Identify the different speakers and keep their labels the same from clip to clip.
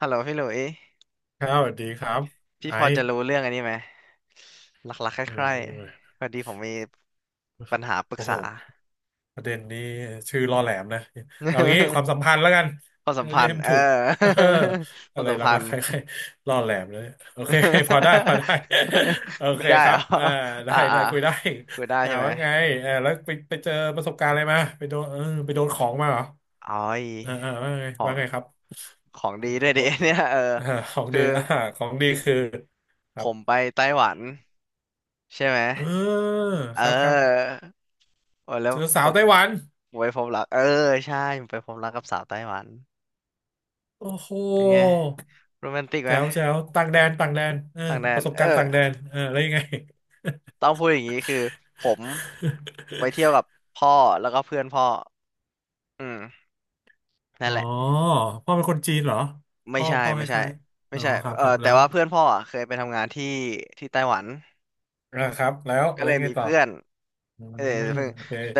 Speaker 1: ฮัลโหลพี่หลุย
Speaker 2: ครับสวัสดีครับ
Speaker 1: พี่
Speaker 2: ไอ
Speaker 1: พอ
Speaker 2: ซ์
Speaker 1: จะรู้เรื่องอันนี้ไหมหลักๆค
Speaker 2: อื
Speaker 1: ล้าย
Speaker 2: ม
Speaker 1: ๆพอดีผมมีปัญหาปรึก
Speaker 2: โอ้โห
Speaker 1: ษา
Speaker 2: ประเด็นนี้ชื่อล่อแหลมนะเอางี้ความ สัมพันธ์แล้วกัน
Speaker 1: ความสัม
Speaker 2: เรี
Speaker 1: พั
Speaker 2: ยก
Speaker 1: น
Speaker 2: ให้
Speaker 1: ธ์
Speaker 2: มัน
Speaker 1: เออ
Speaker 2: ถูก เออ
Speaker 1: ค
Speaker 2: อะ
Speaker 1: วาม
Speaker 2: ไร
Speaker 1: สัมพั
Speaker 2: รั
Speaker 1: น
Speaker 2: กๆ
Speaker 1: ธ์
Speaker 2: ใครๆล่อแหลมเลยโอเค พอได้พอได้ โอ
Speaker 1: ไม่
Speaker 2: เค
Speaker 1: ได้
Speaker 2: ค
Speaker 1: เห
Speaker 2: รั
Speaker 1: ร
Speaker 2: บ
Speaker 1: อ
Speaker 2: ได้
Speaker 1: อ่า อ่า
Speaker 2: ได้คุยได้
Speaker 1: คุยได้ใช่ไหม
Speaker 2: ว่าไงแล้วไปไปเจอประสบการณ์อะไรมาไปโดนเออไปโดนของมาเหรอ
Speaker 1: อ๋อย
Speaker 2: ว่าไง
Speaker 1: ขอ
Speaker 2: ว่า
Speaker 1: ง
Speaker 2: ไงครับ
Speaker 1: ของดีด้วยดิ
Speaker 2: ว่า
Speaker 1: เนี่ยเออ
Speaker 2: อ่าของ
Speaker 1: คื
Speaker 2: ดี
Speaker 1: อ
Speaker 2: ของดีคือค
Speaker 1: ผ
Speaker 2: รับ
Speaker 1: มไปไต้หวันใช่ไหม
Speaker 2: เออ
Speaker 1: เอ
Speaker 2: ครับครับ
Speaker 1: อโอ้แล้
Speaker 2: เจ
Speaker 1: ว
Speaker 2: อ
Speaker 1: ผ
Speaker 2: สาว
Speaker 1: ม
Speaker 2: ไต้หวัน
Speaker 1: ไปพบรักเออใช่ผมไปพบรักกับสาวไต้หวัน
Speaker 2: โอ้โห
Speaker 1: เป็นไง โรแมนติกไหม
Speaker 2: แจ๋วแจ๋วต่างแดนต่างแดนเออ
Speaker 1: ต่างแด
Speaker 2: ป
Speaker 1: น
Speaker 2: ระสบ
Speaker 1: เออ
Speaker 2: การณ์ต่างแดนเออแล้วยังไง
Speaker 1: ต้องพูดอย่างนี้คือผมไปเที่ยวกับ พ่อแล้วก็เพื่อนพ่ออืมนั่
Speaker 2: อ๋
Speaker 1: น
Speaker 2: อ
Speaker 1: แหละ
Speaker 2: พ่อเป็นคนจีนเหรอ
Speaker 1: ไม่
Speaker 2: พ่อ
Speaker 1: ใช่
Speaker 2: พ่อค
Speaker 1: ไม่ใช่
Speaker 2: ล้ายๆ
Speaker 1: ไม่
Speaker 2: อ๋อ
Speaker 1: ใช่
Speaker 2: ครับ
Speaker 1: เออ
Speaker 2: ครับ
Speaker 1: แต่
Speaker 2: แล้ว
Speaker 1: ว่าเพื่อนพ่ออ่ะเคยไปทำงานที่ไต้หวัน
Speaker 2: ครับแล้ว
Speaker 1: ก็เลย
Speaker 2: ยังไง
Speaker 1: มี
Speaker 2: ต่อ
Speaker 1: เพื่อน
Speaker 2: อื
Speaker 1: เออ
Speaker 2: ม
Speaker 1: เพิ่ง
Speaker 2: โอเค
Speaker 1: แต่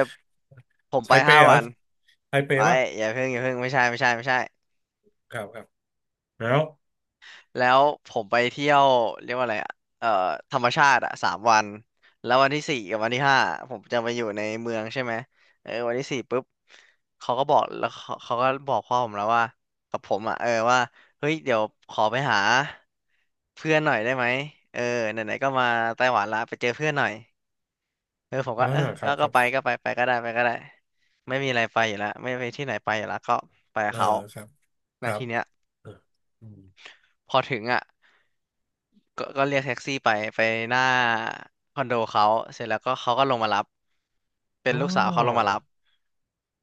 Speaker 1: ผม
Speaker 2: ไท
Speaker 1: ไป
Speaker 2: เป
Speaker 1: ห้า
Speaker 2: เหรอ
Speaker 1: วัน
Speaker 2: ไทเป
Speaker 1: ไอ้
Speaker 2: ป่ะ
Speaker 1: ยอย่าเพิ่งอย่าเพิ่งไม่ใช่ไม่ใช่ไม่ใช่
Speaker 2: ครับครับแล้ว
Speaker 1: แล้วผมไปเที่ยวเรียกว่าอะไรอะเอ่อธรรมชาติอะ3 วันแล้ววันที่สี่กับวันที่ 5ผมจะไปอยู่ในเมืองใช่ไหมเออวันที่สี่ปุ๊บเขาก็บอกแล้วเขาก็บอกพ่อผมแล้วว่ากับผมอะเออว่าเฮ้ยเดี๋ยวขอไปหาเพื่อนหน่อยได้ไหมเออไหนๆก็มาไต้หวันละไปเจอเพื่อนหน่อยเออผมก็
Speaker 2: อ่า
Speaker 1: เออ
Speaker 2: ค
Speaker 1: ก็
Speaker 2: รับค
Speaker 1: ก็
Speaker 2: รั
Speaker 1: ไป
Speaker 2: บ
Speaker 1: ก็ไปไปก็ได้ไปก็ได้ไม่มีอะไรไปอยู่แล้วไม่ไปที่ไหนไปอยู่แล้วก็ไปกับ
Speaker 2: เออ
Speaker 1: เขา
Speaker 2: ครับค
Speaker 1: นา
Speaker 2: รั
Speaker 1: ที
Speaker 2: บ
Speaker 1: เนี้ย
Speaker 2: เอออืม
Speaker 1: พอถึงอ่ะ ก็เรียกแท็กซี่ไปไปหน้าคอนโดเขาเสร็จแล้วก็เขาก็ลงมารับเป็น
Speaker 2: อ๋อ
Speaker 1: ลูกสาวเขาลงมารับ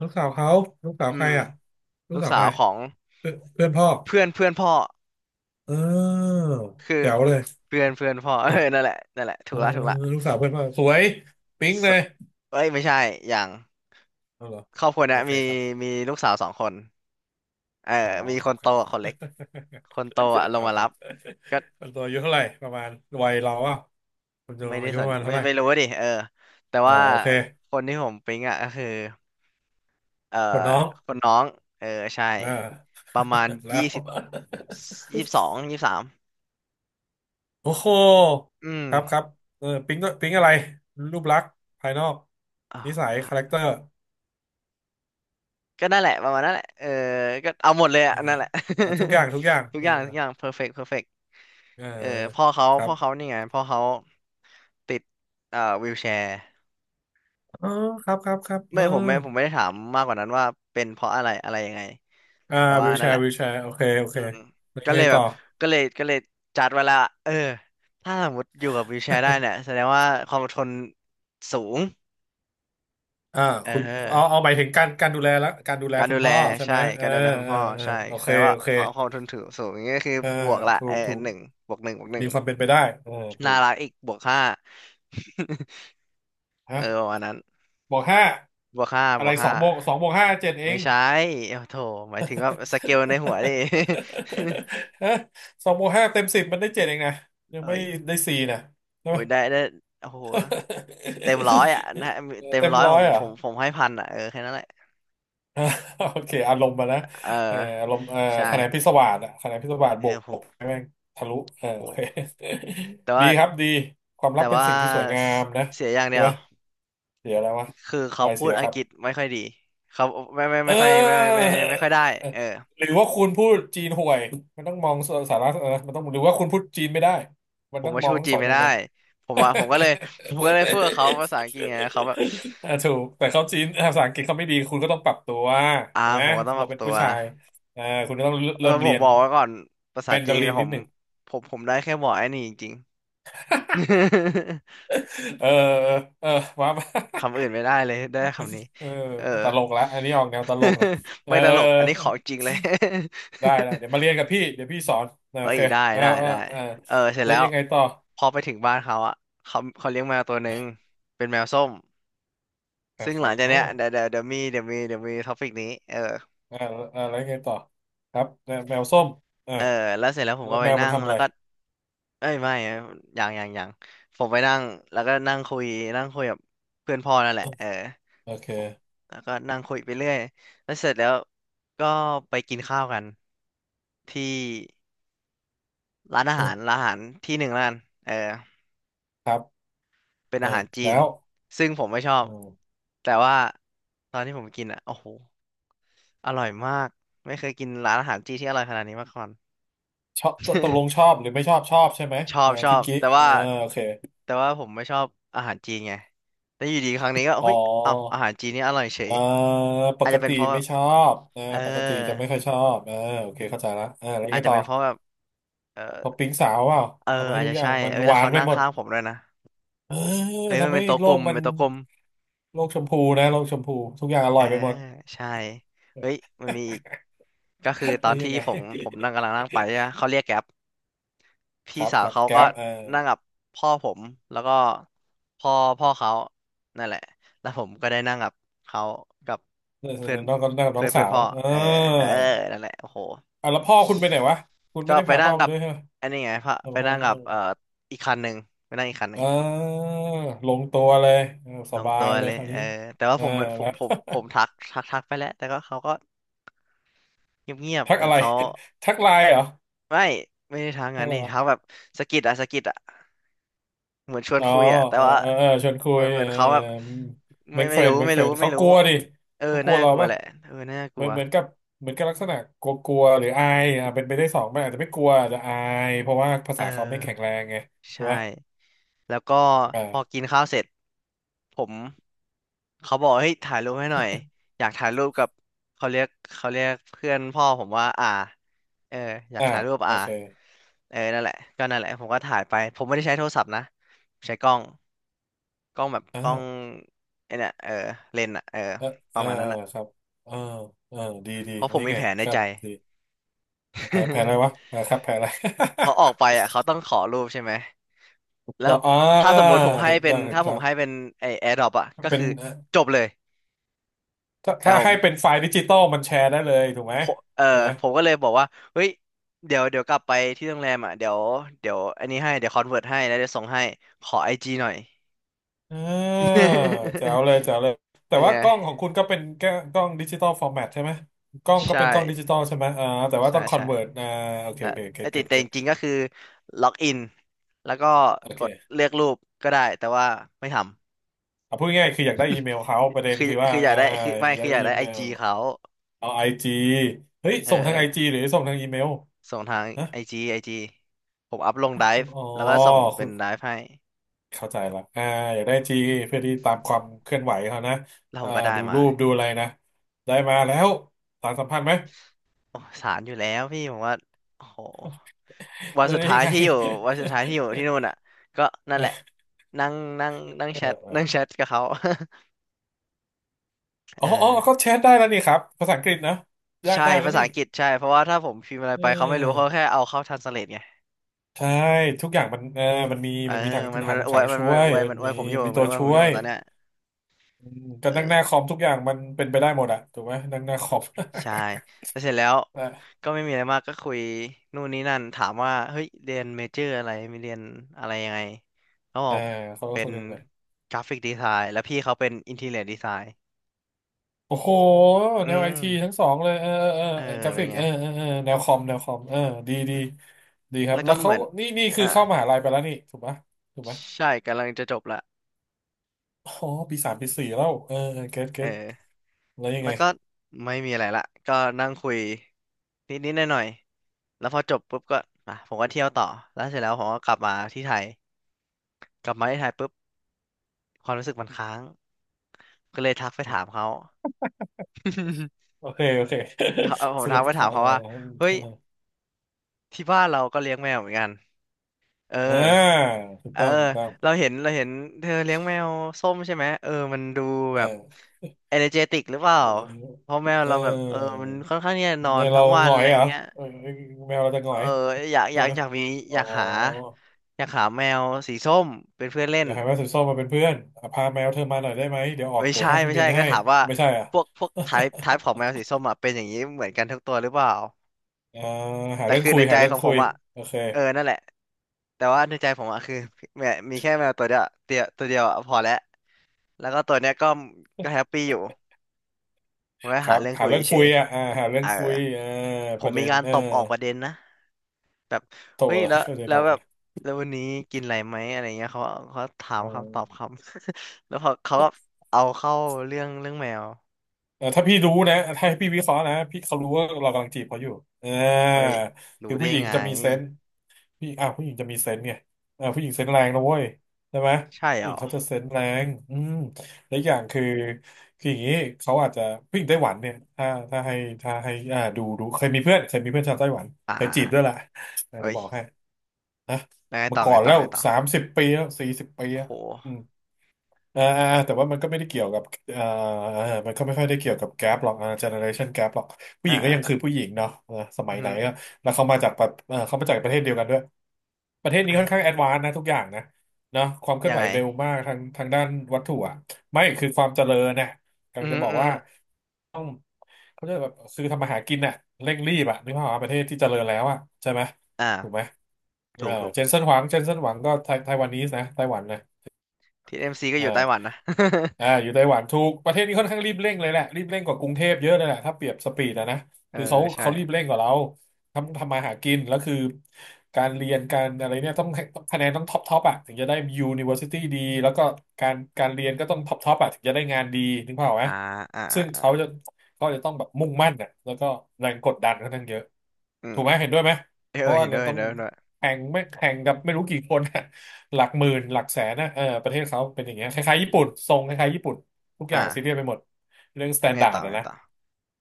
Speaker 2: ลูกสาวเขาลูกสาว
Speaker 1: อื
Speaker 2: ใคร
Speaker 1: ม
Speaker 2: อ่ะลู
Speaker 1: ลู
Speaker 2: ก
Speaker 1: ก
Speaker 2: สาว
Speaker 1: สา
Speaker 2: ใค
Speaker 1: ว
Speaker 2: ร
Speaker 1: ของ
Speaker 2: เพื่อนเพื่อนพ่อ
Speaker 1: เพื่อนเพื่อนพ่อ
Speaker 2: เออ
Speaker 1: คือ
Speaker 2: แจ๋วเลย
Speaker 1: เพื่อนเพื่อนพ่อ เออนั่นแหละนั่นแหละถู
Speaker 2: เอ
Speaker 1: ก
Speaker 2: อ
Speaker 1: ละถูกละ
Speaker 2: ลูกสาวเพื่อนพ่อสวยปิ๊ง
Speaker 1: ส
Speaker 2: เลย
Speaker 1: เอ้ยไม่ใช่อย่าง
Speaker 2: เอาเหรอ
Speaker 1: ครอบครัวเนี้
Speaker 2: โอ
Speaker 1: ย
Speaker 2: เค
Speaker 1: มี
Speaker 2: ครับ
Speaker 1: มีลูกสาว2 คนเออ
Speaker 2: อ๋อ
Speaker 1: มี
Speaker 2: ค
Speaker 1: ค
Speaker 2: รับ
Speaker 1: น
Speaker 2: ค
Speaker 1: โต
Speaker 2: รับ
Speaker 1: กับคนเล็กคนโต อ่ะล
Speaker 2: ค
Speaker 1: ง
Speaker 2: รับ
Speaker 1: มา
Speaker 2: ค
Speaker 1: รั
Speaker 2: รั
Speaker 1: บ
Speaker 2: บ
Speaker 1: ก็
Speaker 2: คนโตัวอายุเท่าไหร่ประมาณวัยเราอ่ะคุณโต
Speaker 1: ไม่ได้
Speaker 2: อายุ
Speaker 1: ส
Speaker 2: ป
Speaker 1: น
Speaker 2: ระมาณ
Speaker 1: ไม่
Speaker 2: เท่าไหร่
Speaker 1: ไม่รู้ดิเออแต่
Speaker 2: อ๋อ
Speaker 1: ว่า
Speaker 2: โอเค
Speaker 1: คนที่ผมปิ๊งอ่ะก็คือ เอ่อ
Speaker 2: คนน้อง
Speaker 1: คนน้องเออใช่
Speaker 2: อ่า
Speaker 1: ประมาณ
Speaker 2: แล้
Speaker 1: ยี่
Speaker 2: ว
Speaker 1: สิ บยี่สิบสองยี่สิบสาม
Speaker 2: โอ้โห
Speaker 1: อืม
Speaker 2: ครับครับเออปิ๊งด้วยปิ๊งอะไรรูปลักษณ์ภายนอก
Speaker 1: อ่า
Speaker 2: นิสัยคาแรค
Speaker 1: ว
Speaker 2: เตอร์
Speaker 1: ก็นั่นแหละประมาณนั้นแหละเออก็เอาหมดเลย
Speaker 2: เอ
Speaker 1: อ่ะ
Speaker 2: อ
Speaker 1: นั่นแหละ
Speaker 2: เอาทุกอย่างทุกอย่าง
Speaker 1: ทุก
Speaker 2: เอ
Speaker 1: อ
Speaker 2: อ
Speaker 1: ย่างทุกอย่างเพอร์เฟกต์เพอร์เฟกต์
Speaker 2: เออ
Speaker 1: เออพ่อเขา
Speaker 2: ครั
Speaker 1: พ่
Speaker 2: บ
Speaker 1: อเขานี่ไงพ่อเขาติดวีลแชร์
Speaker 2: เออครับครับครับเออ
Speaker 1: ไม่ผมไม่ได้ถามมากกว่านั้นว่าเป็นเพราะอะไรอะไรยังไง
Speaker 2: อ่า
Speaker 1: แต่ว่า
Speaker 2: วิวแช
Speaker 1: นั่นแห
Speaker 2: ร์
Speaker 1: ละ
Speaker 2: วิวแชร์โอเคโอ
Speaker 1: อื
Speaker 2: เค
Speaker 1: ม
Speaker 2: แล้วยั
Speaker 1: ก็
Speaker 2: ง
Speaker 1: เล
Speaker 2: ไง
Speaker 1: ยแบ
Speaker 2: ต่
Speaker 1: บ
Speaker 2: อ
Speaker 1: ก็เลยจัดไว้แล้วเออถ้าสมมติอยู่กับวีลแชร์ได้เนี่ยแสดงว่าความอดทนสูง
Speaker 2: อ่า
Speaker 1: เอ
Speaker 2: คุณเอาเอา
Speaker 1: อ
Speaker 2: หมายถึงการการดูแลแล้วการดูแล
Speaker 1: การ
Speaker 2: คุ
Speaker 1: ดู
Speaker 2: ณ
Speaker 1: แล
Speaker 2: พ่อใช่ไห
Speaker 1: ใช่
Speaker 2: มเออ
Speaker 1: การดูแลคุณ
Speaker 2: เออ
Speaker 1: พ่อ
Speaker 2: เออ
Speaker 1: ใช่
Speaker 2: โอ
Speaker 1: แส
Speaker 2: เค
Speaker 1: ดงว่า
Speaker 2: โอเค
Speaker 1: ความอดทนถือสูงอย่างนี้ก็คือ
Speaker 2: เออ
Speaker 1: บวกละ
Speaker 2: ถู
Speaker 1: เอ
Speaker 2: ก
Speaker 1: อ
Speaker 2: ถูก
Speaker 1: หนึ่งบวกหนึ่งบวกหนึ่
Speaker 2: มี
Speaker 1: ง
Speaker 2: ความเป็นไปได้เออถู
Speaker 1: น่า
Speaker 2: ก
Speaker 1: รักอีกบวกห้า เอ
Speaker 2: ฮะ
Speaker 1: อประมาณนั้น
Speaker 2: บวกห้า
Speaker 1: บวกห้าบ
Speaker 2: อะไร
Speaker 1: วก
Speaker 2: สอ
Speaker 1: ห้า
Speaker 2: งบวกสองบวกห้าเจ็ดเอ
Speaker 1: ไม่
Speaker 2: ง
Speaker 1: ใช่โอ้าโถหมายถึงว่าสเกลในหัวดิ
Speaker 2: ฮะสองบวกห้าเต็มสิบมันได้เจ็ดเองนะ ยัง
Speaker 1: เอ้
Speaker 2: ไม่
Speaker 1: ย
Speaker 2: ได้สี่นะใช่
Speaker 1: โอ้
Speaker 2: ไหม
Speaker 1: ยได้ได้โอ้โห เต็มร้อยอ่ะ นะเต็ ม
Speaker 2: เต็ม
Speaker 1: ร้อย
Speaker 2: ร้
Speaker 1: ผ
Speaker 2: อย
Speaker 1: ม
Speaker 2: เหร
Speaker 1: ผ
Speaker 2: อ่ะ
Speaker 1: มผมให้พันอ่ะเออแค่นั้นแหละ
Speaker 2: อ่าโอเคอารมณ์มานะ
Speaker 1: เออ
Speaker 2: เอออารมณ์เออ
Speaker 1: ใช่
Speaker 2: คะแนนพิศวาสอะคะแนนพิศวาสบ
Speaker 1: เอ
Speaker 2: ว
Speaker 1: อผม
Speaker 2: กแม่งทะลุเออโอเค
Speaker 1: โหแต่
Speaker 2: ดี
Speaker 1: ว่า
Speaker 2: ครับดีความรั
Speaker 1: แต่
Speaker 2: กเป็น
Speaker 1: ว่า
Speaker 2: สิ่งที่สวยงามนะ
Speaker 1: เสียอย่างเดี
Speaker 2: ใช่
Speaker 1: ย
Speaker 2: ไห
Speaker 1: ว
Speaker 2: มเสียแล้ววะ
Speaker 1: คือ
Speaker 2: อะ
Speaker 1: เขา
Speaker 2: ไร
Speaker 1: พู
Speaker 2: เสี
Speaker 1: ด
Speaker 2: ย
Speaker 1: อั
Speaker 2: ค
Speaker 1: ง
Speaker 2: รับ
Speaker 1: กฤษไม่ค่อยดีเขาไม่ไม่
Speaker 2: เ
Speaker 1: ไม่ค่อยไม่ไม่
Speaker 2: อ
Speaker 1: ไม่ไม่ไม่ค่อยได้
Speaker 2: อ
Speaker 1: เออ
Speaker 2: หรือว่าคุณพูดจีนห่วยมันต้องมองสาระเออมันต้องหรือว่าคุณพูดจีนไม่ได้มั
Speaker 1: ผ
Speaker 2: น
Speaker 1: ม
Speaker 2: ต้อง
Speaker 1: มา
Speaker 2: มอ
Speaker 1: ชู
Speaker 2: งทั้ง
Speaker 1: จี
Speaker 2: ส
Speaker 1: น
Speaker 2: อง
Speaker 1: ไม่
Speaker 2: มุม
Speaker 1: ได้
Speaker 2: นะ
Speaker 1: ผมอ่ะผมก็เลย ผมก็เลยพูดกับเขาภาษาอังกฤษไงเขาแบบ
Speaker 2: อ่ะถูกแต่เขาจีนภาษาอังกฤษเขาไม่ดีคุณก็ต้องปรับตัว
Speaker 1: อ่า
Speaker 2: ถูกไหม
Speaker 1: ผมก็ต้
Speaker 2: คุ
Speaker 1: อ
Speaker 2: ณ
Speaker 1: งปรั
Speaker 2: เรา
Speaker 1: บ
Speaker 2: เป็น
Speaker 1: ตั
Speaker 2: ผู้
Speaker 1: ว
Speaker 2: ชายอ่าคุณก็ต้องเริ
Speaker 1: เออ
Speaker 2: ่ม
Speaker 1: ผ
Speaker 2: เรี
Speaker 1: ม
Speaker 2: ย
Speaker 1: บ
Speaker 2: น
Speaker 1: อกไว้ก่อนภาษา
Speaker 2: แมน
Speaker 1: จี
Speaker 2: ดา
Speaker 1: น
Speaker 2: ริ
Speaker 1: นะ
Speaker 2: น
Speaker 1: ผ
Speaker 2: นิด
Speaker 1: ม
Speaker 2: หนึ่ง
Speaker 1: ผมได้แค่บอกไอ้นี่จริงๆ
Speaker 2: เออเออว้าว
Speaker 1: คำอื่นไม่ได้เลยได้คำนี้
Speaker 2: เออ
Speaker 1: เออ
Speaker 2: ตลกละอันนี้ออกแนวตลกนะ เออ
Speaker 1: ไม่ตลกอันนี้ของจริงเลย
Speaker 2: ได้ได้เดี๋ยวมาเรียนกับพี่เดี๋ยวพี่สอน
Speaker 1: เอ้
Speaker 2: โอ
Speaker 1: ย
Speaker 2: เค
Speaker 1: ได้
Speaker 2: เอา
Speaker 1: ได้
Speaker 2: เอา
Speaker 1: ได้
Speaker 2: เอา
Speaker 1: เออเสร็จ
Speaker 2: แล้ว
Speaker 1: แล้ว
Speaker 2: ยังไงต่อ
Speaker 1: พอไปถึงบ้านเขาอะเขาเลี้ยงแมวตัวหนึ่งเป็นแมวส้ม
Speaker 2: อ่า
Speaker 1: ซึ่ง
Speaker 2: ค
Speaker 1: ห
Speaker 2: รั
Speaker 1: ลัง
Speaker 2: บ
Speaker 1: จาก
Speaker 2: โอ้
Speaker 1: เนี้ยเดี๋ยวเดี๋ยวเดี๋ยวมีเดี๋ยวมีเดี๋ยวมีท็อปิกนี้เออ
Speaker 2: อ่าแล้วยังไงต่อครับแมวส้มอ่า
Speaker 1: เออแล้วเสร็จแล้วผ
Speaker 2: แล้
Speaker 1: ม
Speaker 2: ว
Speaker 1: ก็ไป
Speaker 2: แมวมั
Speaker 1: นั่
Speaker 2: น
Speaker 1: ง
Speaker 2: ทำอะ
Speaker 1: แล้
Speaker 2: ไร
Speaker 1: วก็เอ้ยไม่อะอย่างผมไปนั่งแล้วก็นั่งคุยนั่งคุยกับเพื่อนพ่อนั่นแหละเออ
Speaker 2: โอเค
Speaker 1: ผมแล้วก็นั่งคุยไปเรื่อยแล้วเสร็จแล้วก็ไปกินข้าวกันที่ร้านอาหารที่หนึ่งร้านเออ
Speaker 2: ครับ
Speaker 1: เป็น
Speaker 2: อ่า
Speaker 1: อาหารจี
Speaker 2: แล้
Speaker 1: น
Speaker 2: ว
Speaker 1: ซึ่งผมไม่ชอบ
Speaker 2: เออ
Speaker 1: แต่ว่าตอนที่ผมกินอ่ะโอ้โหอร่อยมากไม่เคยกินร้านอาหารจีนที่อร่อยขนาดนี้มาก่อน
Speaker 2: ชอบตตกลงช อบหรือไม่ชอบชอบใช่ไหม
Speaker 1: ชอ
Speaker 2: เอ
Speaker 1: บ
Speaker 2: อ
Speaker 1: ชอ
Speaker 2: ทิม
Speaker 1: บ
Speaker 2: กี้
Speaker 1: แต่
Speaker 2: เออ
Speaker 1: ว่า
Speaker 2: โอเค
Speaker 1: ผมไม่ชอบอาหารจีนไงแต่อยู่ดีครั้งนี้ก็
Speaker 2: อ๋อ
Speaker 1: เฮ้ยเอ้าอาหารจีนนี่อร่อยเฉ
Speaker 2: เอ
Speaker 1: ย
Speaker 2: อป
Speaker 1: อาจ
Speaker 2: ก
Speaker 1: จะเป็น
Speaker 2: ติ
Speaker 1: เพราะแบ
Speaker 2: ไม่
Speaker 1: บ
Speaker 2: ชอบเออ
Speaker 1: เออ
Speaker 2: ปกติจะไม่ค่อยชอบเออโอเคเข้าใจละเออแล้ว
Speaker 1: อา
Speaker 2: ไง
Speaker 1: จจะ
Speaker 2: ต่อ
Speaker 1: เป็นเพราะแบบเออ
Speaker 2: พอปิ๊งสาวเปล่า
Speaker 1: เออ
Speaker 2: ทำให้
Speaker 1: อาจ
Speaker 2: ทุก
Speaker 1: จะ
Speaker 2: อย่า
Speaker 1: ใช่
Speaker 2: งมัน
Speaker 1: เอ้ย
Speaker 2: ห
Speaker 1: แล้ว
Speaker 2: วาน
Speaker 1: เขา
Speaker 2: ไป
Speaker 1: นั่ง
Speaker 2: หมด
Speaker 1: ข้างผมด้วยนะ
Speaker 2: เออ
Speaker 1: เฮ้ยมัน
Speaker 2: ทำ
Speaker 1: เป็
Speaker 2: ให้
Speaker 1: นโต๊ะ
Speaker 2: โล
Speaker 1: กล
Speaker 2: ก
Speaker 1: ม
Speaker 2: มัน
Speaker 1: เป็นโต๊ะกลม
Speaker 2: โลกชมพูนะโลกชมพูทุกอย่างอ
Speaker 1: เอ
Speaker 2: ร่อ
Speaker 1: อ
Speaker 2: ยไปหมด
Speaker 1: ใช่เฮ้ยมันมีอีกก็คือ ตอ
Speaker 2: แล้
Speaker 1: น
Speaker 2: วยั
Speaker 1: ที่
Speaker 2: งไง
Speaker 1: ผมนั่งกำลังนั่งไปอะเขาเรียกแกร็บ
Speaker 2: ค
Speaker 1: พี่
Speaker 2: รับ
Speaker 1: สา
Speaker 2: ค
Speaker 1: ว
Speaker 2: รับ
Speaker 1: เขาก็
Speaker 2: แก๊ปเออ
Speaker 1: นั่งกับพ่อผมแล้วก็พ่อพ่อเขานั่นแหละแล้วผมก็ได้นั่งกับเขากับเพื่อน
Speaker 2: น้องน้องน้อ
Speaker 1: เพื่อ
Speaker 2: ง
Speaker 1: น
Speaker 2: สา
Speaker 1: เพื่อน
Speaker 2: ว
Speaker 1: พ่อ
Speaker 2: เออ
Speaker 1: เออเออนั่นแหละโอ้โห
Speaker 2: อ่ะแล้วพ่อคุณไปไหนวะคุณ
Speaker 1: ก็
Speaker 2: ไม่ได้
Speaker 1: ไป
Speaker 2: พา
Speaker 1: นั่
Speaker 2: พ่อ
Speaker 1: งกั
Speaker 2: มา
Speaker 1: บ
Speaker 2: ด้วยใช่ไหม
Speaker 1: อันนี้ไงพระ
Speaker 2: เออ
Speaker 1: ไป
Speaker 2: พ่อ
Speaker 1: นั่งกั
Speaker 2: เออ
Speaker 1: บอีกคันหนึ่งไปนั่งอีกคันหนึ่
Speaker 2: อ่
Speaker 1: ง
Speaker 2: าลงตัวเลยเออส
Speaker 1: ลง
Speaker 2: บา
Speaker 1: ตั
Speaker 2: ย
Speaker 1: ว
Speaker 2: เล
Speaker 1: เล
Speaker 2: ย
Speaker 1: ย
Speaker 2: คราว
Speaker 1: เอ
Speaker 2: นี้
Speaker 1: อแต่ว่า
Speaker 2: เออ
Speaker 1: ผมผ
Speaker 2: แล้
Speaker 1: ม
Speaker 2: ว
Speaker 1: ผมผมทักไปแล้วแต่ก็เขาก็เงียบๆ
Speaker 2: ทัก
Speaker 1: เหมือ
Speaker 2: อะ
Speaker 1: น
Speaker 2: ไร
Speaker 1: เขา
Speaker 2: ทักไลน์เหรอ
Speaker 1: ไม่ไม่ได้ทัก
Speaker 2: ทั
Speaker 1: งั้
Speaker 2: ก
Speaker 1: น
Speaker 2: อะไร
Speaker 1: ดิ
Speaker 2: วะ
Speaker 1: ทักแบบสะกิดอะสะกิดอะเหมือนชวน
Speaker 2: อ๋อ
Speaker 1: คุยอะแต่
Speaker 2: เออ
Speaker 1: ว่า
Speaker 2: เออเออชวนคุ
Speaker 1: เหมือ
Speaker 2: ย
Speaker 1: นเหมื
Speaker 2: เอ
Speaker 1: อน
Speaker 2: อ
Speaker 1: เขา
Speaker 2: เอ
Speaker 1: แบบ
Speaker 2: อ make friend make friend
Speaker 1: ไม่
Speaker 2: เขา
Speaker 1: รู้
Speaker 2: กลัวดิ
Speaker 1: เออ
Speaker 2: เขากลัว
Speaker 1: น่า
Speaker 2: เรา
Speaker 1: กลัว
Speaker 2: ปะ
Speaker 1: แหละเออน่าก
Speaker 2: เหมื
Speaker 1: ลั
Speaker 2: อน
Speaker 1: ว
Speaker 2: เหมือนกับเหมือนกับลักษณะกลัวกลัวหรืออายเป็นไปได้สองไหมอาจจะไม่กลัวอาจจะอายเพราะว่าภา
Speaker 1: เอ
Speaker 2: ษาเขาไม่แข็งแร
Speaker 1: อ
Speaker 2: งไงถูก
Speaker 1: ใช่
Speaker 2: ปะ
Speaker 1: แล้วก็
Speaker 2: อ่
Speaker 1: พอ
Speaker 2: า
Speaker 1: กินข้าวเสร็จผมเขาบอกเฮ้ยถ่ายรูปให้หน่อยอยากถ่ายรูปกับเขาเรียกเขาเรียกเพื่อนพ่อผมว่าอาเอออยาก
Speaker 2: อ่า
Speaker 1: ถ่ายรูป
Speaker 2: โอ
Speaker 1: อา
Speaker 2: เค
Speaker 1: เออนั่นแหละก็นั่นแหละผมก็ถ่ายไปผมไม่ได้ใช้โทรศัพท์นะผมใช้กล้อง กล้องแบบกล้อง
Speaker 2: อ่า
Speaker 1: ไอ้เนี่ยเออเลนส์อะเออ
Speaker 2: เออ
Speaker 1: ป
Speaker 2: เอ
Speaker 1: ระ
Speaker 2: อ
Speaker 1: มาณนั้นอะ
Speaker 2: ครับอ่าอ่าดีดี
Speaker 1: เพราะผม
Speaker 2: นี่
Speaker 1: มี
Speaker 2: ไง
Speaker 1: แผนใน
Speaker 2: ครั
Speaker 1: ใจ
Speaker 2: บดีแผลแผลอะไรวะครับแผลอะไร
Speaker 1: พอออกไปอะเขาต้องขอรูปใช่ไหมแล้
Speaker 2: ต่อ
Speaker 1: วถ้าสมมุติผมให้
Speaker 2: ถูก
Speaker 1: เป็
Speaker 2: ต้
Speaker 1: น
Speaker 2: องถูก
Speaker 1: ถ้าผ
Speaker 2: ต้อ
Speaker 1: มให้
Speaker 2: ง
Speaker 1: เป็นไอแอร์ดรอปอะก็
Speaker 2: เป็น
Speaker 1: คือจบเลย
Speaker 2: ถ้า
Speaker 1: แต่
Speaker 2: ถ้า
Speaker 1: ผม
Speaker 2: ให้เป็นไฟล์ดิจิตอลมันแชร์ได้เลยถูกไหม
Speaker 1: ผมเออ
Speaker 2: ถูกไหม
Speaker 1: ผมก็เลยบอกว่าเฮ้ยเดี๋ยวกลับไปที่โรงแรมอะเดี๋ยวอันนี้ให้เดี๋ยวคอนเวิร์ตให้แล้วเดี๋ยวส่งให้ขอไอจีหน่อย
Speaker 2: อ่าแจ๋วเลยแจ๋วเลยแต่
Speaker 1: ยัง
Speaker 2: ว่า
Speaker 1: ไง
Speaker 2: กล้องของคุณก็เป็นแค่กล้องดิจิตอลฟอร์แมตใช่ไหมกล้องก็
Speaker 1: ใช่
Speaker 2: เป็นกล้องดิจิตอลใช่ไหมแต่ว่า
Speaker 1: ใช่
Speaker 2: ต้องคอน
Speaker 1: ใช่
Speaker 2: เวิร์ตโอเค
Speaker 1: แต่
Speaker 2: โอเคเก็ตเก็ต
Speaker 1: แต่
Speaker 2: เก็
Speaker 1: จ
Speaker 2: ต
Speaker 1: ริงๆก็คือล็อกอินแล้วก็
Speaker 2: โอ
Speaker 1: กด
Speaker 2: เค
Speaker 1: เลือกรูปก็ได้แต่ว่าไม่ท
Speaker 2: อ่ะพูดง่ายๆคืออยากได้อีเมลเขาประเด็
Speaker 1: ำ
Speaker 2: น
Speaker 1: คือ
Speaker 2: คือว่า
Speaker 1: คืออยากได้
Speaker 2: อยา
Speaker 1: คื
Speaker 2: ก
Speaker 1: ออ
Speaker 2: ได้
Speaker 1: ยาก
Speaker 2: อี
Speaker 1: ได้ไอ
Speaker 2: เมล
Speaker 1: จีเขา
Speaker 2: เอาไอจีเฮ้ย
Speaker 1: เ
Speaker 2: ส่งทางไอจี
Speaker 1: ออ
Speaker 2: หรือส่งทางอีเมล
Speaker 1: ส่งทาง
Speaker 2: นะ
Speaker 1: ไอจีผมอัพลงไดฟ์
Speaker 2: อ๋อ
Speaker 1: แล้วก็ส่งเป็นไดฟ์ให้
Speaker 2: เข้าใจละอยากได้จีเพื่อที่ตามความเคลื่อนไหวเขานะ
Speaker 1: แล้วผ
Speaker 2: อ่า
Speaker 1: มก็ได้
Speaker 2: ดู
Speaker 1: มา
Speaker 2: รูปดูอะไรนะ ได้มาแล้วสารสัมพันธ์ไหม
Speaker 1: โอ้สารอยู่แล้วพี่ผมว่าโอ้โหวัน
Speaker 2: แล้ว
Speaker 1: สุดท้า
Speaker 2: นี่
Speaker 1: ย
Speaker 2: ไง
Speaker 1: ที่อยู่วันสุดท้ายที่อยู่ที่นู่นอ่ะก็นั่นแหละ นั่งนั่ง
Speaker 2: เอ
Speaker 1: นั่งแช
Speaker 2: อ
Speaker 1: ทกับเขา
Speaker 2: อ๋อ
Speaker 1: เออ
Speaker 2: อ๋อก็แชทได้แล้วนี่ครับภาษาอังกฤษนะได้
Speaker 1: ใช่
Speaker 2: ได้แล้
Speaker 1: ภา
Speaker 2: ว
Speaker 1: ษา
Speaker 2: นี่
Speaker 1: อังกฤษใช่เพราะว่าถ้าผมพิมพ์อะไร
Speaker 2: เ
Speaker 1: ไปเขาไม่รู้เขา
Speaker 2: ออ
Speaker 1: แค่เอาเข้าทันสเลทไง
Speaker 2: ใช่ทุกอย่างมัน
Speaker 1: เออ
Speaker 2: มันมีทางช่วยมันมีมี
Speaker 1: มั
Speaker 2: ตั
Speaker 1: น
Speaker 2: ว
Speaker 1: อวยผ
Speaker 2: ช่
Speaker 1: มอ
Speaker 2: ว
Speaker 1: ยู่
Speaker 2: ย
Speaker 1: ตอนเนี้ย
Speaker 2: อืมก็
Speaker 1: เอ
Speaker 2: นั่งหน้า
Speaker 1: อ
Speaker 2: คอมทุกอย่างมันเป็นไปได้หมดอะถูกไหมนั่งหน้าคอม
Speaker 1: ใช่แล้วเสร็จแล้ว
Speaker 2: เออ
Speaker 1: ก็ไม่มีอะไรมากก็คุยนู่นนี่นั่นถามว่าเฮ้ยเรียนเมเจอร์อะไรมีเรียนอะไรยังไงเขาบ
Speaker 2: เอ
Speaker 1: อ
Speaker 2: อ
Speaker 1: ก
Speaker 2: เขา
Speaker 1: เป็น
Speaker 2: เขาเรียกอะไร
Speaker 1: กราฟิกดีไซน์แล้วพี่เขาเป็นอินทีเรียดีไซน์
Speaker 2: โอ้โห
Speaker 1: อื
Speaker 2: แนวไอ
Speaker 1: ม
Speaker 2: ทีทั้งสองเลยเออ
Speaker 1: เออ
Speaker 2: กรา
Speaker 1: เป็
Speaker 2: ฟิ
Speaker 1: น
Speaker 2: ก
Speaker 1: ไง
Speaker 2: แนวคอมเออดีดีครั
Speaker 1: แล้
Speaker 2: บ
Speaker 1: วก็
Speaker 2: แล้ว
Speaker 1: เห
Speaker 2: เขา
Speaker 1: มือน
Speaker 2: นี่นี่คื
Speaker 1: อ่า
Speaker 2: อเข้ามหาลัยไปแล้วนี่ถูกปะถูกไหม
Speaker 1: ใช่กำลังจะจบละ
Speaker 2: อ๋อปี 3ปี 4แล้วเออเก็ต
Speaker 1: เอ
Speaker 2: เก็
Speaker 1: อ
Speaker 2: ตแล้วยัง
Speaker 1: แล้
Speaker 2: ไง
Speaker 1: วก็ไม่มีอะไรละก็นั่งคุยนิดๆหน่อยๆแล้วพอจบปุ๊บก็อ่ะผมก็เที่ยวต่อแล้วเสร็จแล้วผมก็กลับมาที่ไทยกลับมาที่ไทยปุ๊บความรู้สึกมันค้างก็เลยทักไปถามเขา
Speaker 2: โอเคโอเค
Speaker 1: กผม
Speaker 2: ส
Speaker 1: ทั
Speaker 2: รุ
Speaker 1: ก
Speaker 2: ป
Speaker 1: ไป
Speaker 2: เอ
Speaker 1: ถา
Speaker 2: อ
Speaker 1: มเขาว่าเฮ้ย
Speaker 2: เอ
Speaker 1: ที่บ้านเราก็เลี้ยงแมวเหมือนกันเออ
Speaker 2: อาถูก
Speaker 1: เออ
Speaker 2: ต้องถูกต้อง
Speaker 1: เราเห็นเธอเลี้ยงแมวส้มใช่ไหมเออมันดูแบบ
Speaker 2: เออ
Speaker 1: เอเนอร์เจติกหรือเปล่า
Speaker 2: เออ
Speaker 1: เพราะแมว
Speaker 2: เอ
Speaker 1: เราแบบเออ
Speaker 2: อ
Speaker 1: มันค่อนข้างที่จะนอ
Speaker 2: ใน
Speaker 1: น
Speaker 2: เรา
Speaker 1: ทั้งวั
Speaker 2: ห
Speaker 1: น
Speaker 2: งอ
Speaker 1: อะ
Speaker 2: ย
Speaker 1: ไร
Speaker 2: เหรอ
Speaker 1: เงี้ย
Speaker 2: เออแมวเราจะหง
Speaker 1: เอ
Speaker 2: อ
Speaker 1: อ
Speaker 2: ยใช่ไหม
Speaker 1: อยากมี
Speaker 2: อ๋
Speaker 1: อ
Speaker 2: อ
Speaker 1: ยากหาอยากหาแมวสีส้มเป็นเพื่อนเล่
Speaker 2: อ
Speaker 1: น
Speaker 2: ยากให้แมวสีส้มมาเป็นเพื่อนอ่ะพาแมวเธอมาหน่อยได้ไหม เดี๋ยวออกตั๋วค่าเครื่อ
Speaker 1: ไม่
Speaker 2: งบิ
Speaker 1: ใช่
Speaker 2: น
Speaker 1: ก็
Speaker 2: ให้
Speaker 1: ถามว่า
Speaker 2: ไม่ใช่อ่ะ
Speaker 1: พวกไทป์ของแมวสีส้มอ่ะเป็นอย่างนี้เหมือนกันทุกตัวหรือเปล่า
Speaker 2: อ่าหา
Speaker 1: แต่
Speaker 2: เรื่อง
Speaker 1: คือ
Speaker 2: คุ
Speaker 1: ใน
Speaker 2: ย
Speaker 1: ใจ
Speaker 2: หาเรื่
Speaker 1: ข
Speaker 2: อง
Speaker 1: องผ
Speaker 2: คุ
Speaker 1: ม
Speaker 2: ย
Speaker 1: อ่ะ
Speaker 2: โอเค
Speaker 1: เออนั่นแหละแต่ว่าในใจผมอ่ะคือแมวมีแค่แมวตัวเดียวอะพอแล้วแล้วก็ตัวเนี้ยก็ก็แฮปปี้อยู่ผมก็
Speaker 2: ครั
Speaker 1: หา
Speaker 2: บ
Speaker 1: เรื่อง
Speaker 2: หา
Speaker 1: คุย
Speaker 2: เรื่อง
Speaker 1: เฉ
Speaker 2: คุ
Speaker 1: ย
Speaker 2: ยอ่ะอ่าหา
Speaker 1: ๆ
Speaker 2: เรื่
Speaker 1: เอ
Speaker 2: อง
Speaker 1: อ
Speaker 2: คุย
Speaker 1: ผ
Speaker 2: ป
Speaker 1: ม
Speaker 2: ระเด็
Speaker 1: มี
Speaker 2: น
Speaker 1: การ
Speaker 2: เออ
Speaker 1: ตบออกประเด็นนะ แบบ
Speaker 2: โต
Speaker 1: เฮ้ย
Speaker 2: เลยประเด็น
Speaker 1: แล้
Speaker 2: อ
Speaker 1: ว
Speaker 2: อก
Speaker 1: แบ
Speaker 2: เล
Speaker 1: บ
Speaker 2: ย
Speaker 1: แล้ววันนี้กินอะไรไหมอะไรเงี้ยเขาถา
Speaker 2: เอ
Speaker 1: มคำต
Speaker 2: อ
Speaker 1: อบคำ แล้วพอเขาก็เอาเข้าเรื่องแมว
Speaker 2: ถ้าพี่รู้นะถ้าให้พี่วิเคราะห์นะพี่เขารู้ว่าเรากำลังจีบเขาอยู่ อ่า
Speaker 1: เฮ้ยรู้
Speaker 2: คือ
Speaker 1: ได้
Speaker 2: ผู้หญิง
Speaker 1: ไง
Speaker 2: จะมีเซนส์ ผู้หญิงอ่ะผู้หญิงจะมีเซนส์ไงอ่ะผู้หญิงเซนส์แรงนะเว้ยใช่ไหม
Speaker 1: ใช่
Speaker 2: ผู้
Speaker 1: หร
Speaker 2: หญิ
Speaker 1: อ
Speaker 2: งเขาจะเซนส์แรงอืมและอกอย่างคือคืออย่างนี้เขาอาจจะผู้หญิงไต้หวันเนี่ยถ้าให้ดูเคยมีเพื่อนชาวไต้หวัน
Speaker 1: อ่
Speaker 2: เคยจีบด้วยแห
Speaker 1: า
Speaker 2: ละเด
Speaker 1: เฮ้ย
Speaker 2: บอกให้นะ
Speaker 1: แล้ว
Speaker 2: เมื่อก่อนแล้ว
Speaker 1: ไงต่อ
Speaker 2: 30 ปีแล้ว40 ปี
Speaker 1: โอ้
Speaker 2: แล้ว
Speaker 1: โห
Speaker 2: แต่ว่ามันก็ไม่ได้เกี่ยวกับเอ่มันก็ไม่ค่อยได้เกี่ยวกับแก p หรอกเจเนอเรชันแกปหรอกผู้ห
Speaker 1: อ่า
Speaker 2: ญิงก็
Speaker 1: อ่า
Speaker 2: ยังคือผู้หญิงเนาะสมั
Speaker 1: อื
Speaker 2: ย
Speaker 1: อ
Speaker 2: ไหน
Speaker 1: ฮึ
Speaker 2: ก็แล้วเขามาจากประเขามาจากประเทศเดียวกันด้วยประเทศ
Speaker 1: ไอ
Speaker 2: นี้ค่อนข้างแอ
Speaker 1: ้
Speaker 2: ดวานซ์นะทุกอย่างนะเนาะความเคลื่อ
Speaker 1: ยั
Speaker 2: น
Speaker 1: ง
Speaker 2: ไหว
Speaker 1: ไง
Speaker 2: เร็วมากทางด้านวัตถุอ่ะไม่คือความเจริญนะกำลังจะบอก
Speaker 1: อือฮึ
Speaker 2: ว่าต้องเขาเรียกแบบคือทำมาหากินน่ะเร่งรีบอ่ะนึกภาพว่าประเทศที่เจริญแล้วอ่ะใช่ไหม
Speaker 1: อ่า
Speaker 2: ถูกไหมเออ
Speaker 1: ถูกถูก
Speaker 2: เจนเซนหวังก็ไต้หวันนีสนะไต้หวันนะ
Speaker 1: ทีเอ็มซีก็
Speaker 2: เอ
Speaker 1: อ
Speaker 2: อ
Speaker 1: ยู่ไต้หวันนะ
Speaker 2: อยู่ไต้หวันถูกประเทศนี้ค่อนข้างรีบเร่งเลยแหละรีบเร่งกว่ากรุงเทพเยอะเลยแหละถ้าเปรียบสปีดอะนะ
Speaker 1: เออ
Speaker 2: คือเขา
Speaker 1: ใช่
Speaker 2: เขารีบเร่งกว่าเราทำมาหากินแล้วคือการเรียนการอะไรเนี่ยต้องต้องคะแนนต้องท็อปอะถึงจะได้ University ดีแล้วก็การเรียนก็ต้องท็อปอะถึงจะได้งานดีนึกภาพออกไหม
Speaker 1: อ่า
Speaker 2: ซึ่ง
Speaker 1: อ่า
Speaker 2: เขาจะเขาจะต้องแบบมุ่งมั่นอะแล้วก็แรงกดดันค่อนข้างเยอะ
Speaker 1: อื
Speaker 2: ถู
Speaker 1: ม
Speaker 2: กไหมเห็นด้วยไหม
Speaker 1: เออ
Speaker 2: เพ
Speaker 1: เออ
Speaker 2: ราะว่าเราต้อง
Speaker 1: เห็นด้วย
Speaker 2: แข่งกับไม่รู้กี่คนอะ หลักหมื่นหลักแสนนะเออประเทศเขาเป็นอย่างเงี้ยคล้ายๆญี่ปุ่นทรงคล้ายๆญี่ปุ่นทุกอย่างซีเรี
Speaker 1: อ่า
Speaker 2: ยสไปหมดเรื่องสแตนดาร์ดนะ
Speaker 1: ไง
Speaker 2: นะ
Speaker 1: ต่อ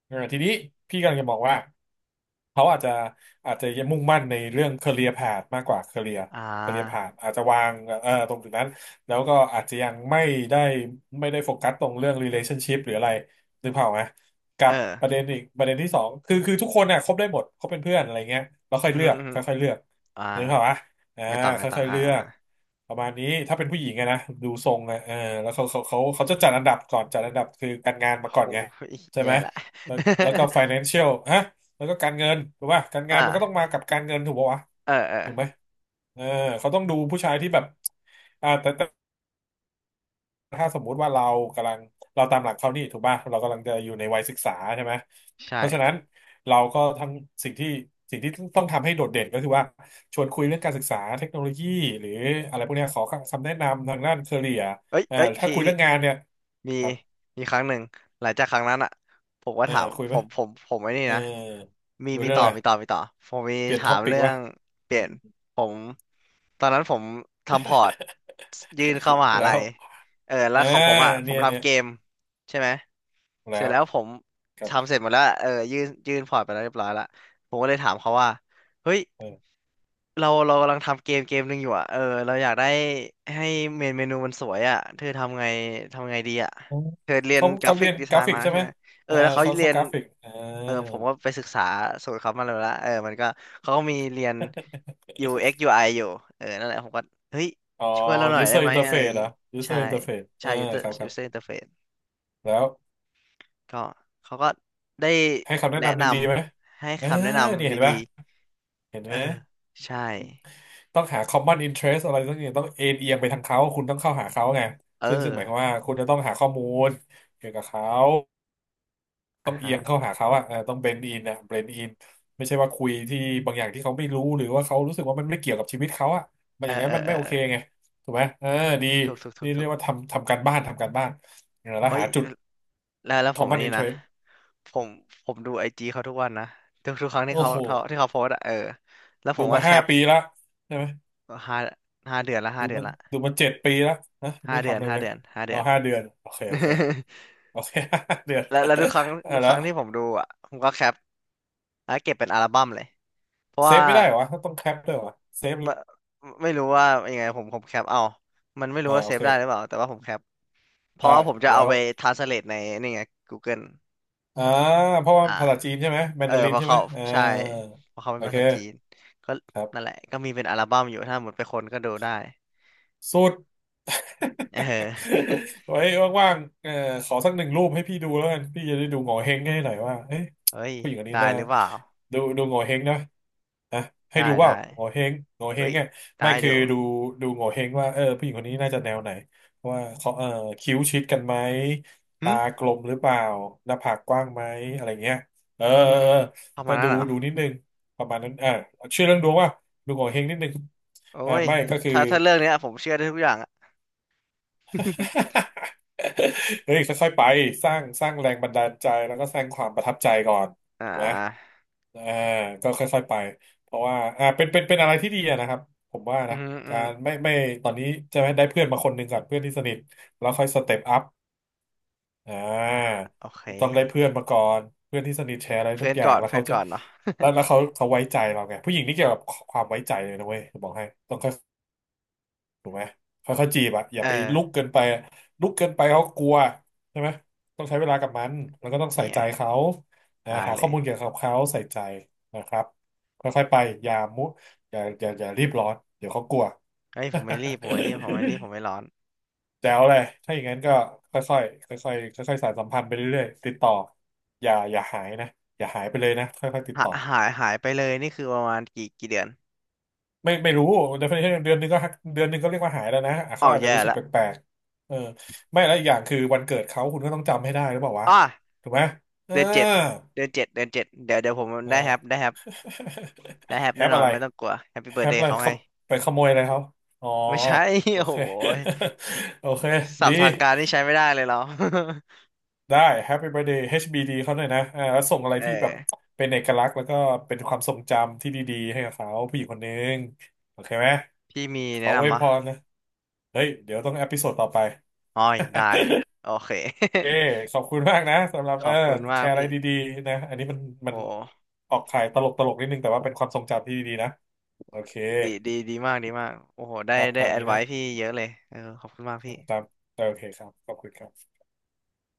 Speaker 2: เออทีนี้พี่กำลังจะบอกว่าเขาอาจจะอาจจะยังมุ่งมั่นในเรื่อง career path มากกว่า career
Speaker 1: อ่
Speaker 2: career
Speaker 1: า
Speaker 2: path อาจจะวางเออตรงจุดนั้นแล้วก็อาจจะยังได้ไม่ได้โฟกัสตรงเรื่อง relationship หรืออะไรนึกภาพออกไหมกั
Speaker 1: เออ
Speaker 2: บประเด็นอีกประเด็นที่สองคือทุกคนน่ะคบได้หมดคบเป็นเพื่อนอะไรเงี้ยแล้วค่อยเลือก
Speaker 1: อหืม
Speaker 2: ค่อยๆเลือก
Speaker 1: ออ่า
Speaker 2: นึกภาพอ่ะอ่า
Speaker 1: ไงต่อ
Speaker 2: ค่อยๆ
Speaker 1: อ่า
Speaker 2: เลือ
Speaker 1: อ่า
Speaker 2: กประมาณนี้ถ้าเป็นผู้หญิงไงนะดูทรงอะเออแล้วเขาจะจัดอันดับก่อนจัดอันดับคือการงาน
Speaker 1: โอ้
Speaker 2: มาก่อ
Speaker 1: โห
Speaker 2: นไง ใช่
Speaker 1: แย่
Speaker 2: ไหม
Speaker 1: ละ
Speaker 2: แล้ว แล้วก็ financial ฮะแล้วก็การเงินถูกป่ะการงานมันก็ต้อง
Speaker 1: อ่า
Speaker 2: มากับการเงินถูกป่ะวะ
Speaker 1: เออ
Speaker 2: ถูกไหมเออเขาต้องดูผู้ชายที่แบบอ่าแต่ ถ้าสมมุติว่าเรากำลังเราตามหลักเขานี่ถูกป่ะเรากำลังจะอยู่ในวัยศึกษาใช่ไหม
Speaker 1: ใช่
Speaker 2: เพราะฉะนั้นเราก็ทั้งสิ่งที่สิ่งที่ต้องทำให้โดดเด่นก็คือว่าชวนคุยเรื่องการศึกษาเทคโนโลยีหรืออะไรพวกเนี้ยขอคำแนะนำทางด้านเคเรีย
Speaker 1: เอ้ย
Speaker 2: ถ้าคุย
Speaker 1: พี่
Speaker 2: เรื่องงานเนี่ย
Speaker 1: มี
Speaker 2: ครับ
Speaker 1: ครั้งหนึ่งหลังจากครั้งนั้นอ่ะผมก็
Speaker 2: เออ
Speaker 1: ถาม
Speaker 2: คุยไหม
Speaker 1: ผมไอ้นี่
Speaker 2: เออ
Speaker 1: นะ มี
Speaker 2: คุยเรื่องอะไร
Speaker 1: มีต่อผมมี
Speaker 2: เปลี่ยน
Speaker 1: ถา
Speaker 2: ท็อ
Speaker 1: ม
Speaker 2: ปิก
Speaker 1: เรื่อ
Speaker 2: ว่ะ
Speaker 1: งเปลี่ยน ผมตอนนั้นผมทำพอร์ตยื่นเข้า มหา
Speaker 2: แล้
Speaker 1: ลั
Speaker 2: ว
Speaker 1: ยเออแล้ว
Speaker 2: อ่า
Speaker 1: ของผมอ่ะผ
Speaker 2: เนี่
Speaker 1: ม
Speaker 2: ยเนี่
Speaker 1: ทำ
Speaker 2: ย
Speaker 1: เกมใช่ไหม
Speaker 2: แล้
Speaker 1: เสร็จ
Speaker 2: ว
Speaker 1: แล้วผม
Speaker 2: ครับ
Speaker 1: ทำเสร็จหมดแล้วเออยื่นพอร์ตไปแล้วเรียบร้อยละผมก็เลยถามเขาว่าเฮ้ย
Speaker 2: เออ
Speaker 1: เรากำลังทำเกมเกมหนึ่งอยู่อ่ะเออเราอยากได้ให้เมนูมันสวยอ่ะเธอทำไงทำไงดีอ่ะเธอเรียน
Speaker 2: เขา
Speaker 1: กรา
Speaker 2: เขา
Speaker 1: ฟิ
Speaker 2: เรี
Speaker 1: ก
Speaker 2: ยน
Speaker 1: ดี
Speaker 2: ก
Speaker 1: ไซ
Speaker 2: รา
Speaker 1: น์
Speaker 2: ฟิก
Speaker 1: มา
Speaker 2: ใช่
Speaker 1: ใช่
Speaker 2: ไหม
Speaker 1: ไหมเอ
Speaker 2: เอ
Speaker 1: อ
Speaker 2: อ
Speaker 1: แล้วเขา
Speaker 2: เขา
Speaker 1: เรี
Speaker 2: เขา
Speaker 1: ยน
Speaker 2: กราฟิกอ่า
Speaker 1: เออผมก็ไปศึกษาสูตรเขามาแล้วละเออมันก็เขาก็มีเรียน UX UI อกซ์ยูไออยู่นั่นแหละผมก็เฮ้ย
Speaker 2: อ๋อ
Speaker 1: ช่วยเราหน่อยได้
Speaker 2: user
Speaker 1: ไหมอะไรอ
Speaker 2: interface
Speaker 1: ย่างนี้
Speaker 2: นะ
Speaker 1: ใช่
Speaker 2: user interface เอ
Speaker 1: ใช่
Speaker 2: อ
Speaker 1: user
Speaker 2: ครับครั
Speaker 1: user
Speaker 2: บ
Speaker 1: interface
Speaker 2: แล้ว
Speaker 1: ก็เขาก็ได้
Speaker 2: ให้คำแนะ
Speaker 1: แนะ
Speaker 2: นำ
Speaker 1: น
Speaker 2: ดีๆไหม
Speaker 1: ำให้
Speaker 2: เออ
Speaker 1: คำแนะ
Speaker 2: นี่
Speaker 1: นำ
Speaker 2: เห็นไห
Speaker 1: ดี
Speaker 2: ม เห็น
Speaker 1: ๆเอ
Speaker 2: ไห
Speaker 1: อ
Speaker 2: ม
Speaker 1: ใช่
Speaker 2: ต้องหา common interest อะไรสักอย่างต้องเอ็นเอียงไปทางเขา คุณต้องเข้าหาเขาไง
Speaker 1: เอ
Speaker 2: ซึ่งหมา
Speaker 1: อ
Speaker 2: ยความว่าคุณจะต้องหาข้อมูลเกี่ยวกับเขา ต้
Speaker 1: อ่ะ
Speaker 2: องเอี
Speaker 1: ฮะ
Speaker 2: ยงเข้าหาเขาอ่ะเออต้องเบนอินอ่ะเบนอินไม่ใช่ว่าคุยที่บางอย่างที่เขาไม่รู้หรือว่าเขารู้สึกว่ามันไม่เกี่ยวกับชีวิตเขาอ่ะมัน
Speaker 1: เอ
Speaker 2: อ
Speaker 1: อ
Speaker 2: ย่างนั้
Speaker 1: เอ
Speaker 2: น
Speaker 1: อ
Speaker 2: มัน
Speaker 1: เอ
Speaker 2: ไม่
Speaker 1: อ
Speaker 2: โอ
Speaker 1: เออ
Speaker 2: เคไงถูกไหมเออดี
Speaker 1: ถูกถูกถู
Speaker 2: นี่
Speaker 1: ก
Speaker 2: เรี
Speaker 1: ถู
Speaker 2: ย
Speaker 1: ก
Speaker 2: กว่าทำการบ้านทำการบ้านแล้ว
Speaker 1: โอ้ย
Speaker 2: หาจุด
Speaker 1: แล้วผมอัน
Speaker 2: common
Speaker 1: นี้นะ
Speaker 2: interest
Speaker 1: ผมผมดูไอจีเขาทุกวันนะทุกครั้งที่
Speaker 2: โอ้
Speaker 1: เขา
Speaker 2: โห
Speaker 1: โพสต์อะเออแล้วผ
Speaker 2: ดู
Speaker 1: มก็
Speaker 2: มา
Speaker 1: แค
Speaker 2: ห้า
Speaker 1: ป
Speaker 2: ปีละใช่ไหม
Speaker 1: ห้าห้า
Speaker 2: ดู
Speaker 1: เดือน
Speaker 2: มา
Speaker 1: ละ
Speaker 2: ดูมาเจ็ดปีละนะ
Speaker 1: ห้า
Speaker 2: ไม่
Speaker 1: เดือ
Speaker 2: ทำ
Speaker 1: น
Speaker 2: เลย
Speaker 1: ห้า
Speaker 2: เลย
Speaker 1: เดือนห้าเดื
Speaker 2: เอา
Speaker 1: อน
Speaker 2: ห้าเดือนโอเคโอเค โอเค ห้าเดือน
Speaker 1: แล้วทุกครั้ง
Speaker 2: อ่ะ
Speaker 1: ทุกค
Speaker 2: แล้ว
Speaker 1: รั้งที่ผมดูอ่ะผมก็แคปแล้วเก็บเป็นอัลบั้มเลยเพราะ
Speaker 2: เซ
Speaker 1: ว่า
Speaker 2: ฟไม่ได้เหรอวะต้องแคปด้วยเหรอเซฟ
Speaker 1: ไม่ไม่รู้ว่ายังไงผมแคปเอามันไม่รู้
Speaker 2: อ่า
Speaker 1: ว่า
Speaker 2: โอ
Speaker 1: เซฟ
Speaker 2: เค
Speaker 1: ได้หรือเปล่าแต่ว่าผมแคปเพราะ
Speaker 2: ได้
Speaker 1: ว่าผมจะเอา
Speaker 2: แล้ว
Speaker 1: ไปทรานสเลทในนี่ไง Google
Speaker 2: อ่าเพราะว่า
Speaker 1: อ่า
Speaker 2: ภาษาจีนใช่ไหมแมน
Speaker 1: เออ
Speaker 2: ดาริ
Speaker 1: เพ
Speaker 2: น
Speaker 1: ราะ
Speaker 2: ใช่ไหม
Speaker 1: เขา
Speaker 2: อ่า
Speaker 1: ใช่เพราะเขาเป็
Speaker 2: โอ
Speaker 1: นภา
Speaker 2: เค
Speaker 1: ษาจีนก็
Speaker 2: ครั
Speaker 1: นั่นแห
Speaker 2: บ
Speaker 1: ละก็มีเป็นอัลบั้มอยู่ถ้าหมดไปคนก็ดูได้
Speaker 2: สุด
Speaker 1: เออ
Speaker 2: ไว้ว่างๆเออขอสักหนึ่งรูปให้พี่ดูแล้วกันพี่จะได้ดูโง่เฮงให้หน่อยว่าเอ๊ะ
Speaker 1: เฮ้ย
Speaker 2: ผู้หญิงคนนี้
Speaker 1: ได้
Speaker 2: นะ
Speaker 1: หรือเปล่า
Speaker 2: ดูดูโง่เฮงนะนะให้
Speaker 1: ได้
Speaker 2: ดูว่า
Speaker 1: ได้
Speaker 2: โง่เฮงโง่เฮ
Speaker 1: เฮ้
Speaker 2: ง
Speaker 1: ย
Speaker 2: อ่ไม่
Speaker 1: ได้
Speaker 2: คือ
Speaker 1: เดี๋ยว
Speaker 2: ดูดูโง่เฮงว่าเออผู้หญิงคนนี้น่าจะแนวไหนว่าเขาเออคิ้วชิดกันไหม
Speaker 1: หึ
Speaker 2: ตากลมหรือเปล่าหน้าผากกว้างไหมอะไรเงี้ยเออ
Speaker 1: อื
Speaker 2: เอ
Speaker 1: อ
Speaker 2: อ
Speaker 1: ฮึประ
Speaker 2: เออ
Speaker 1: มา
Speaker 2: ก็
Speaker 1: ณนั้
Speaker 2: ดู
Speaker 1: นเหรอ
Speaker 2: ดูนิดนึงประมาณนั้นอ่าชื่อเรื่องดวงว่าดูโง่เฮงนิดนึง
Speaker 1: โอ้
Speaker 2: อ่า
Speaker 1: ย
Speaker 2: ไม่ก็คือ
Speaker 1: ถ้าเรื่องเนี้ยผมเชื่อได้ทุกอย่างอะ
Speaker 2: เฮ้ยค่อยๆไปสร้างแรงบันดาลใจแล้วก็สร้างความประทับใจก่อน
Speaker 1: อ่
Speaker 2: ถูกไหม
Speaker 1: า
Speaker 2: อ่าก็ค่อยๆไปเพราะว่าอ่าเป็นอะไรที่ดีอะนะครับผมว่า
Speaker 1: อื
Speaker 2: นะ
Speaker 1: มอฮออือ
Speaker 2: กา
Speaker 1: ฮ
Speaker 2: ร
Speaker 1: อ
Speaker 2: ไม่ตอนนี้จะไหมได้เพื่อนมาคนหนึ่งก่อนเพื่อนที่สนิทแล้วค่อยสเต็ปอัพอ่
Speaker 1: อ่า
Speaker 2: า
Speaker 1: โอเค
Speaker 2: ต้องได้เพื่อนมาก่อนเพื่อนที่สนิทแชร์อะไรทุ
Speaker 1: เพื่
Speaker 2: ก
Speaker 1: อน
Speaker 2: อย่า
Speaker 1: ก่
Speaker 2: ง
Speaker 1: อน
Speaker 2: แล้ว
Speaker 1: เพื่อ
Speaker 2: เขา
Speaker 1: น
Speaker 2: จะ
Speaker 1: ก่อนเนาะ
Speaker 2: แล้ วแล้วเขาเขาไว้ใจเราไงผู้หญิงนี่เกี่ยวกับความไว้ใจเลยนะเว้ยจะบอกให้ต้อง ถูกไหมค่อยๆจีบอะอย่า
Speaker 1: เอ
Speaker 2: ไปลุก
Speaker 1: อ
Speaker 2: เกินไปอะลุกเกินไปเขากลัวใช่ไหมต้องใช้เวลากับมันแล้วก็ต้อง
Speaker 1: นี่
Speaker 2: ใส่
Speaker 1: ไง
Speaker 2: ใจเขาอ่า
Speaker 1: ได้
Speaker 2: หา
Speaker 1: เล
Speaker 2: ข้อ
Speaker 1: ย
Speaker 2: มูลเกี่ยวกับเขาใส่ใจนะครับค่อยๆไปอย่ามุอย่ารีบร้อนเดี๋ยวเขากลัว
Speaker 1: เฮ้ยผมไม่รีบผมไม่รีบผมไม่รีบผมไม่ร้อน
Speaker 2: แจ๋วเลยถ้าอย่างนั้นก็ค่อยๆค่อยๆค่อยๆสานสัมพันธ์ไปเรื่อยๆติดต่ออย่าหายนะอย่าหายไปเลยนะค่อยๆติด
Speaker 1: หา
Speaker 2: ต่อ
Speaker 1: หายไปเลยนี่คือประมาณกี่เดือน
Speaker 2: ไม่รู้ definition เดือนหนึงก็หักเดือนหนึงก็เรียกว่าหายแล้วนะอ่ะเขา
Speaker 1: อ้าว
Speaker 2: อาจจะ
Speaker 1: แย่
Speaker 2: รู้สึก
Speaker 1: ละ
Speaker 2: แปลกๆเออไม่แล้วอีกอย่างคือวันเกิดเขาคุณก็ต้องจำให้ได้หรือเปล่าวะ
Speaker 1: อ้า
Speaker 2: ถูกไหมเออ
Speaker 1: เดือนเจ็ดเดือนเจ็ดเดี๋ยวผม
Speaker 2: เออ
Speaker 1: ได้แฮป
Speaker 2: แฮ
Speaker 1: แน่
Speaker 2: ป
Speaker 1: นอ
Speaker 2: อะ
Speaker 1: น
Speaker 2: ไร
Speaker 1: ไม่ต้องกลัวแฮปปี้
Speaker 2: แฮ
Speaker 1: เบิร์ด
Speaker 2: ป
Speaker 1: เด
Speaker 2: อะ
Speaker 1: ย์
Speaker 2: ไร
Speaker 1: เขาไง
Speaker 2: เขาไปขโมยอะไรเขาอ๋อ
Speaker 1: ไม่ใช่
Speaker 2: โอ
Speaker 1: โอ้
Speaker 2: เค
Speaker 1: โห
Speaker 2: โอเค
Speaker 1: ศั
Speaker 2: ดี
Speaker 1: พท์ทางการนี่ใช้ไม่ได้เลยเรา
Speaker 2: ได้ Happy Birthday HBD เขาหน่อยนะอ่าแล้วส่งอะไร
Speaker 1: เอ
Speaker 2: ที่แบบ
Speaker 1: อ
Speaker 2: เป็นเอกลักษณ์แล้วก็เป็นความทรงจำที่ดีๆให้กับเขาผู้หญิงคนหนึงโอเคไหม
Speaker 1: พี่มี
Speaker 2: ข
Speaker 1: แนะ
Speaker 2: ออวย
Speaker 1: นำมะ
Speaker 2: พรนะ เฮ้ยเดี๋ยวต้องเอพิโซดต่อไป
Speaker 1: อ้อยได้โอเค
Speaker 2: เอค ขอบคุณมากนะสำหรับ
Speaker 1: ข
Speaker 2: เอ
Speaker 1: อ
Speaker 2: อ
Speaker 1: บคุณมา
Speaker 2: แช
Speaker 1: ก
Speaker 2: ร์อะไร
Speaker 1: พี่
Speaker 2: ดีๆนะอันนี้มัน
Speaker 1: โอ
Speaker 2: มัน
Speaker 1: ้
Speaker 2: ออกขายตลกนิดนึงแต่ว่าเป็นความทรงจำที่ดีๆนะโอเค
Speaker 1: ดีดีดีมากดีมากโอ้โหได้
Speaker 2: ครับ
Speaker 1: ได้
Speaker 2: ตาม
Speaker 1: แอด
Speaker 2: นี้
Speaker 1: ไว้
Speaker 2: นะ
Speaker 1: พี่เยอะเลยเออขอบคุณมากพี่
Speaker 2: ตามโอเคครับขอบคุณครับ